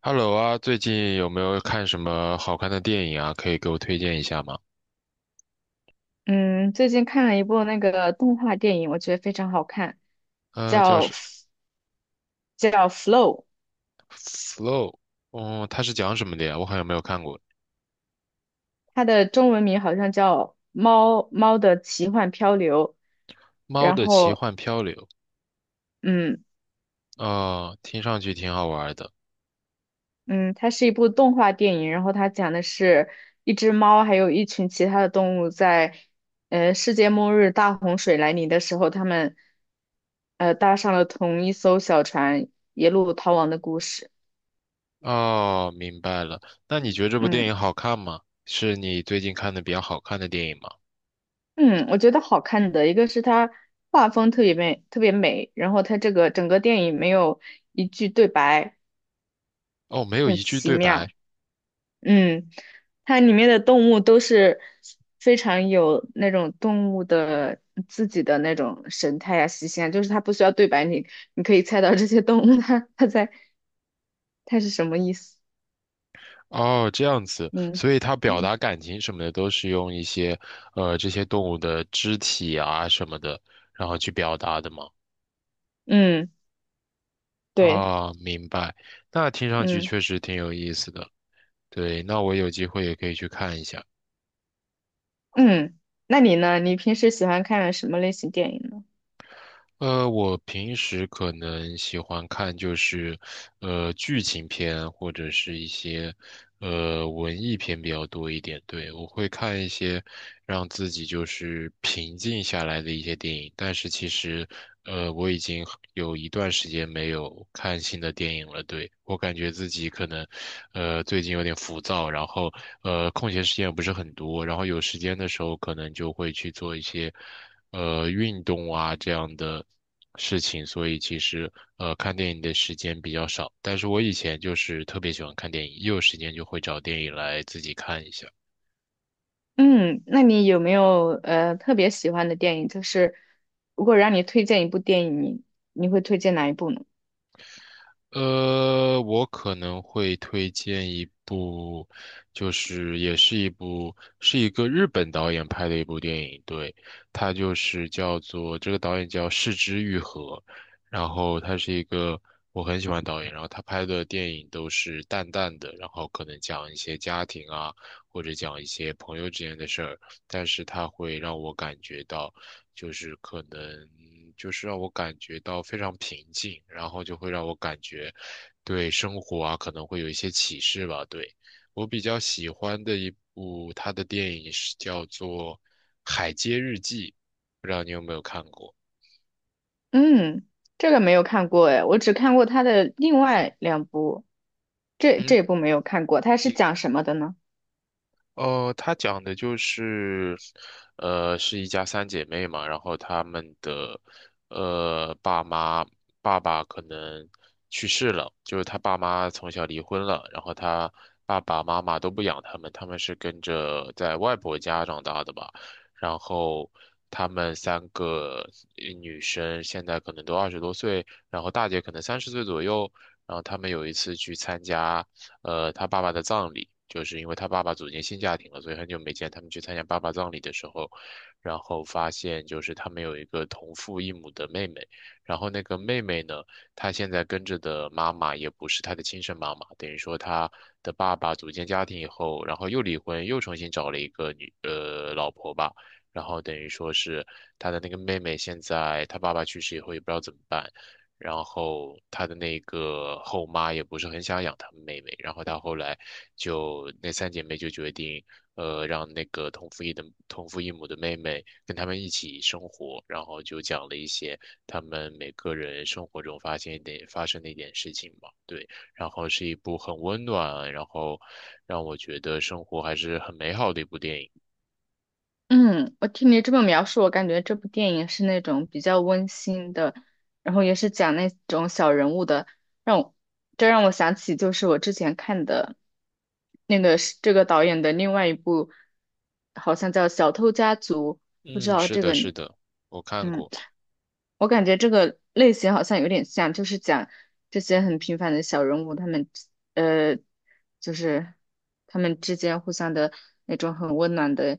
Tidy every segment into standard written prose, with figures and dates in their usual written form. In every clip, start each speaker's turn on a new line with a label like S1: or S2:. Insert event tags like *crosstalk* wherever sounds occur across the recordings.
S1: Hello 啊，最近有没有看什么好看的电影啊？可以给我推荐一下吗？
S2: 嗯，最近看了一部那个动画电影，我觉得非常好看，
S1: 叫
S2: 叫
S1: 是
S2: 叫《Flow》,
S1: 《Flow》。嗯，它是讲什么的呀？我好像没有看过
S2: 它的中文名好像叫《猫猫的奇幻漂流》。
S1: 《猫
S2: 然
S1: 的奇
S2: 后，
S1: 幻漂流》。
S2: 嗯
S1: 哦，听上去挺好玩的。
S2: 嗯，它是一部动画电影，然后它讲的是一只猫还有一群其他的动物在世界末日大洪水来临的时候，他们搭上了同一艘小船，一路逃亡的故事。
S1: 哦，明白了。那你觉得这部
S2: 嗯。
S1: 电影好看吗？是你最近看的比较好看的电影吗？
S2: 嗯，我觉得好看的一个是它画风特别美，特别美，然后它这个整个电影没有一句对白，
S1: 哦，没有
S2: 很
S1: 一句
S2: 奇
S1: 对
S2: 妙。
S1: 白。
S2: 嗯，它里面的动物都是非常有那种动物的自己的那种神态啊、习性啊，就是它不需要对白，你可以猜到这些动物它在它是什么意思。
S1: 哦，这样子，
S2: 嗯
S1: 所以它表
S2: 嗯
S1: 达感情什么的都是用一些，这些动物的肢体啊什么的，然后去表达的吗？
S2: 嗯，对，
S1: 啊，明白。那听上去
S2: 嗯
S1: 确实挺有意思的。对，那我有机会也可以去看一下。
S2: 嗯，那你呢？你平时喜欢看什么类型电影呢？
S1: 我平时可能喜欢看就是，剧情片或者是一些，文艺片比较多一点。对，我会看一些让自己就是平静下来的一些电影。但是其实，我已经很有一段时间没有看新的电影了。对，我感觉自己可能，最近有点浮躁，然后，空闲时间也不是很多，然后有时间的时候可能就会去做一些运动啊这样的事情，所以其实看电影的时间比较少。但是我以前就是特别喜欢看电影，一有时间就会找电影来自己看一下。
S2: 嗯，那你有没有特别喜欢的电影？就是如果让你推荐一部电影，你会推荐哪一部呢？
S1: 我可能会推荐一部，就是也是一部，是一个日本导演拍的一部电影，对，它就是叫做，这个导演叫市之愈合，然后他是一个我很喜欢导演，然后他拍的电影都是淡淡的，然后可能讲一些家庭啊，或者讲一些朋友之间的事儿，但是他会让我感觉到。就是可能就是让我感觉到非常平静，然后就会让我感觉对生活啊可能会有一些启示吧。对，我比较喜欢的一部他的电影是叫做《海街日记》，不知道你有没有看过？
S2: 嗯，这个没有看过哎，我只看过他的另外两部，这
S1: 嗯，
S2: 这部没有看过，它是讲什么的呢？
S1: 哦，他讲的就是，是一家三姐妹嘛，然后她们的，呃，爸妈爸爸可能去世了，就是他爸妈从小离婚了，然后他爸爸妈妈都不养他们，他们是跟着在外婆家长大的吧。然后她们三个女生现在可能都20多岁，然后大姐可能30岁左右，然后她们有一次去参加，他爸爸的葬礼，就是因为他爸爸组建新家庭了，所以很久没见。他们去参加爸爸葬礼的时候，然后发现就是他们有一个同父异母的妹妹，然后那个妹妹呢，她现在跟着的妈妈也不是她的亲生妈妈，等于说她的爸爸组建家庭以后，然后又离婚，又重新找了一个老婆吧。然后等于说是他的那个妹妹，现在他爸爸去世以后也不知道怎么办，然后他的那个后妈也不是很想养他们妹妹，然后他后来就那三姐妹就决定，让那个同父异母的妹妹跟他们一起生活，然后就讲了一些他们每个人生活中发生的一点事情吧，对，然后是一部很温暖，然后让我觉得生活还是很美好的一部电影。
S2: 嗯，我听你这么描述，我感觉这部电影是那种比较温馨的，然后也是讲那种小人物的，让我这让我想起就是我之前看的那个是这个导演的另外一部，好像叫《小偷家族》，不知
S1: 嗯，
S2: 道
S1: 是
S2: 这
S1: 的，
S2: 个
S1: 是
S2: 你，
S1: 的，我看
S2: 嗯，
S1: 过。
S2: 我感觉这个类型好像有点像，就是讲这些很平凡的小人物，他们呃，就是他们之间互相的那种很温暖的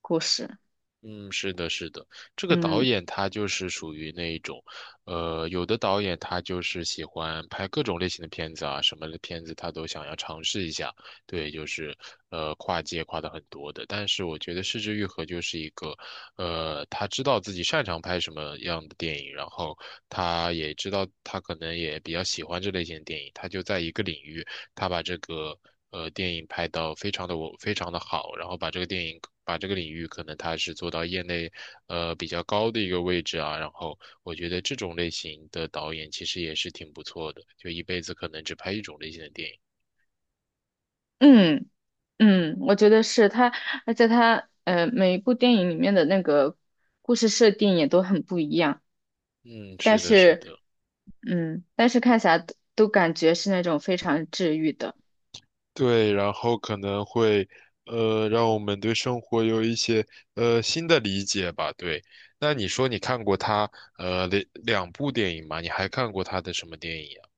S2: 故事，
S1: 嗯，是的，是的，这个导
S2: 嗯。
S1: 演他就是属于那一种。有的导演他就是喜欢拍各种类型的片子啊，什么的片子他都想要尝试一下，对，就是跨界跨的很多的。但是我觉得《失之愈合》就是一个，他知道自己擅长拍什么样的电影，然后他也知道他可能也比较喜欢这类型的电影，他就在一个领域。他把这个电影拍到非常的好，然后把这个电影把这个领域可能他是做到业内比较高的一个位置啊，然后我觉得这种类型的导演其实也是挺不错的，就一辈子可能只拍一种类型的电影。
S2: 嗯嗯，我觉得是他，而且他每一部电影里面的那个故事设定也都很不一样，
S1: 嗯，
S2: 但
S1: 是的，是
S2: 是
S1: 的。
S2: 嗯，但是看起来都感觉是那种非常治愈的。
S1: 对，然后可能会让我们对生活有一些新的理解吧。对，那你说你看过他呃两两部电影吗？你还看过他的什么电影啊？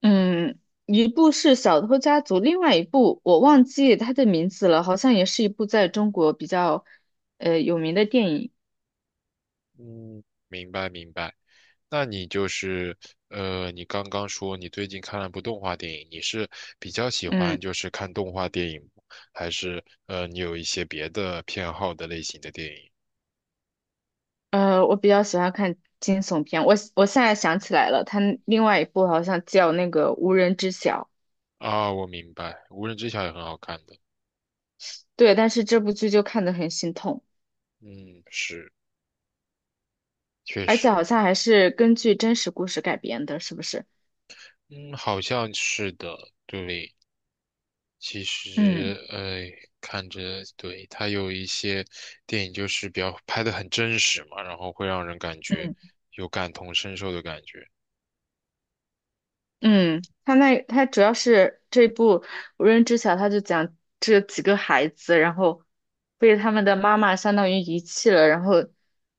S2: 嗯，一部是《小偷家族》，另外一部我忘记他的名字了，好像也是一部在中国比较有名的电影。
S1: 嗯，明白明白。那你就是，你刚刚说你最近看了部动画电影，你是比较喜
S2: 嗯
S1: 欢就是看动画电影吗，还是你有一些别的偏好的类型的电影？
S2: 我比较喜欢看惊悚片，我现在想起来了，他另外一部好像叫那个《无人知晓》。
S1: 啊，我明白，《无人知晓》也很好看的。
S2: 对，但是这部剧就看得很心痛，
S1: 嗯，是，确
S2: 而且
S1: 实。
S2: 好像还是根据真实故事改编的，是不是？
S1: 嗯，好像是的，对。其
S2: 嗯
S1: 实，看着，对，它有一些电影就是比较拍的很真实嘛，然后会让人感觉
S2: 嗯
S1: 有感同身受的感觉。
S2: 嗯，他主要是这部《无人知晓》，他就讲这几个孩子，然后被他们的妈妈相当于遗弃了，然后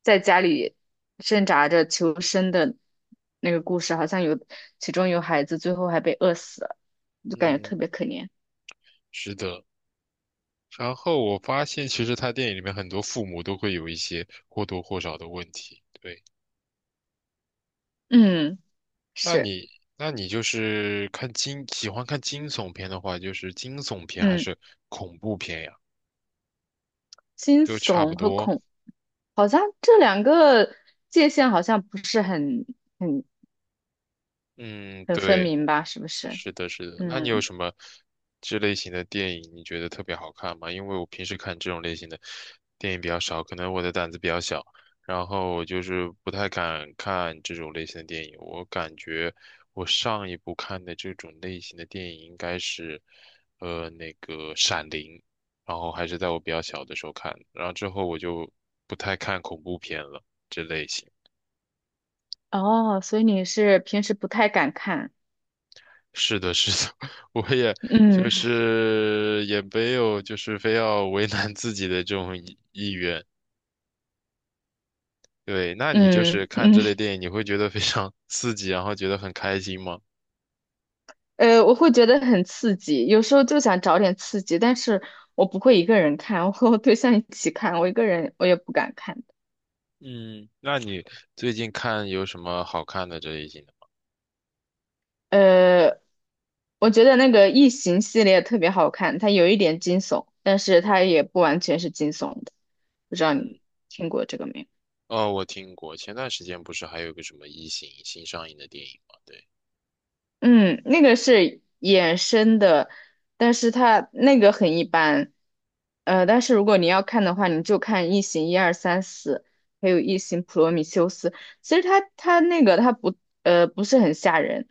S2: 在家里挣扎着求生的那个故事，好像其中有孩子最后还被饿死了，就感觉特
S1: 嗯，
S2: 别可怜。
S1: 是的。然后我发现，其实他电影里面很多父母都会有一些或多或少的问题。对，
S2: 嗯，
S1: 那
S2: 是，
S1: 你那你就是喜欢看惊悚片的话，就是惊悚片还
S2: 嗯，
S1: 是恐怖片呀？
S2: 惊
S1: 都差不
S2: 悚和
S1: 多。
S2: 恐。好像这两个界限好像不是很
S1: 嗯，
S2: 很分
S1: 对。
S2: 明吧？是不是？
S1: 是的，是的。那你有
S2: 嗯，
S1: 什么这类型的电影你觉得特别好看吗？因为我平时看这种类型的电影比较少，可能我的胆子比较小，然后我就是不太敢看这种类型的电影。我感觉我上一部看的这种类型的电影应该是，那个《闪灵》，然后还是在我比较小的时候看的，然后之后我就不太看恐怖片了，这类型。
S2: 哦，所以你是平时不太敢看，
S1: 是的，是的，*laughs* 我也就
S2: 嗯
S1: 是也没有就是非要为难自己的这种意愿。对，那你就
S2: 嗯
S1: 是看
S2: 嗯，
S1: 这类电影，你会觉得非常 *laughs* 刺激，然后觉得很开心吗？
S2: 我会觉得很刺激，有时候就想找点刺激，但是我不会一个人看，我 *laughs* 和我对象一起看，我一个人我也不敢看。
S1: 嗯，那你最近看有什么好看的这类型的？
S2: 呃，我觉得那个《异形》系列特别好看，它有一点惊悚，但是它也不完全是惊悚的，不知道你
S1: 嗯，
S2: 听过这个没有？
S1: 哦，我听过，前段时间不是还有个什么《异形》新上映的电影吗？对，
S2: 嗯，那个是衍生的，但是它那个很一般。呃，但是如果你要看的话，你就看《异形》一二三四，还有《异形：普罗米修斯》。其实它它那个它不不是很吓人，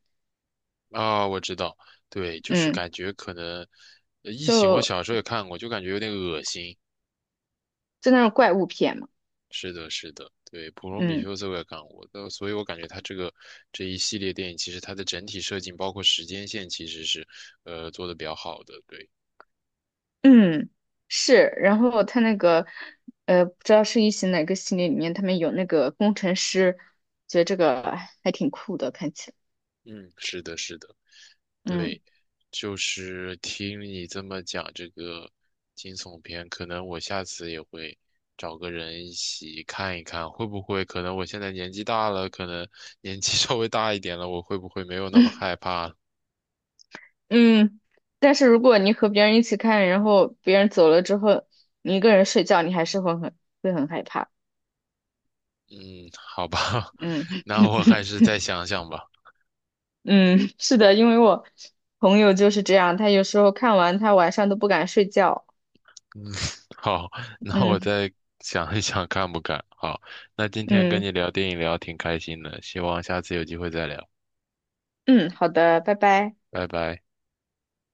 S1: 啊、我知道，对，就是
S2: 嗯，
S1: 感觉可能异形》我
S2: 就
S1: 小时候也看过，就感觉有点恶心。
S2: 就那种怪物片嘛，
S1: 是的，是的，对，普罗米
S2: 嗯
S1: 修斯我也看过，的，所以我感觉他这个这一系列电影，其实它的整体设计，包括时间线，其实是做的比较好的。对，
S2: 嗯是。然后它那个不知道是《异形》哪个系列里面，他们有那个工程师，觉得这个还挺酷的，看起来，
S1: 嗯，是的，是的，
S2: 嗯。
S1: 对，就是听你这么讲这个惊悚片，可能我下次也会找个人一起看一看，会不会？可能我现在年纪大了，可能年纪 *laughs* 稍微大一点了，我会不会没有那么害怕了？
S2: 嗯，但是如果你和别人一起看，然后别人走了之后，你一个人睡觉，你还是会很害怕。
S1: 嗯，好吧，*laughs*
S2: 嗯
S1: 那我还是
S2: *laughs*
S1: 再想想吧。
S2: 嗯，是的，因为我朋友就是这样，他有时候看完，他晚上都不敢睡觉。
S1: 嗯，*laughs* 好，那我
S2: 嗯
S1: 再想一想看不看？好，那今天跟
S2: 嗯
S1: 你聊电影聊挺开心的，希望下次有机会再聊，
S2: 嗯，好的，拜拜。
S1: 拜拜。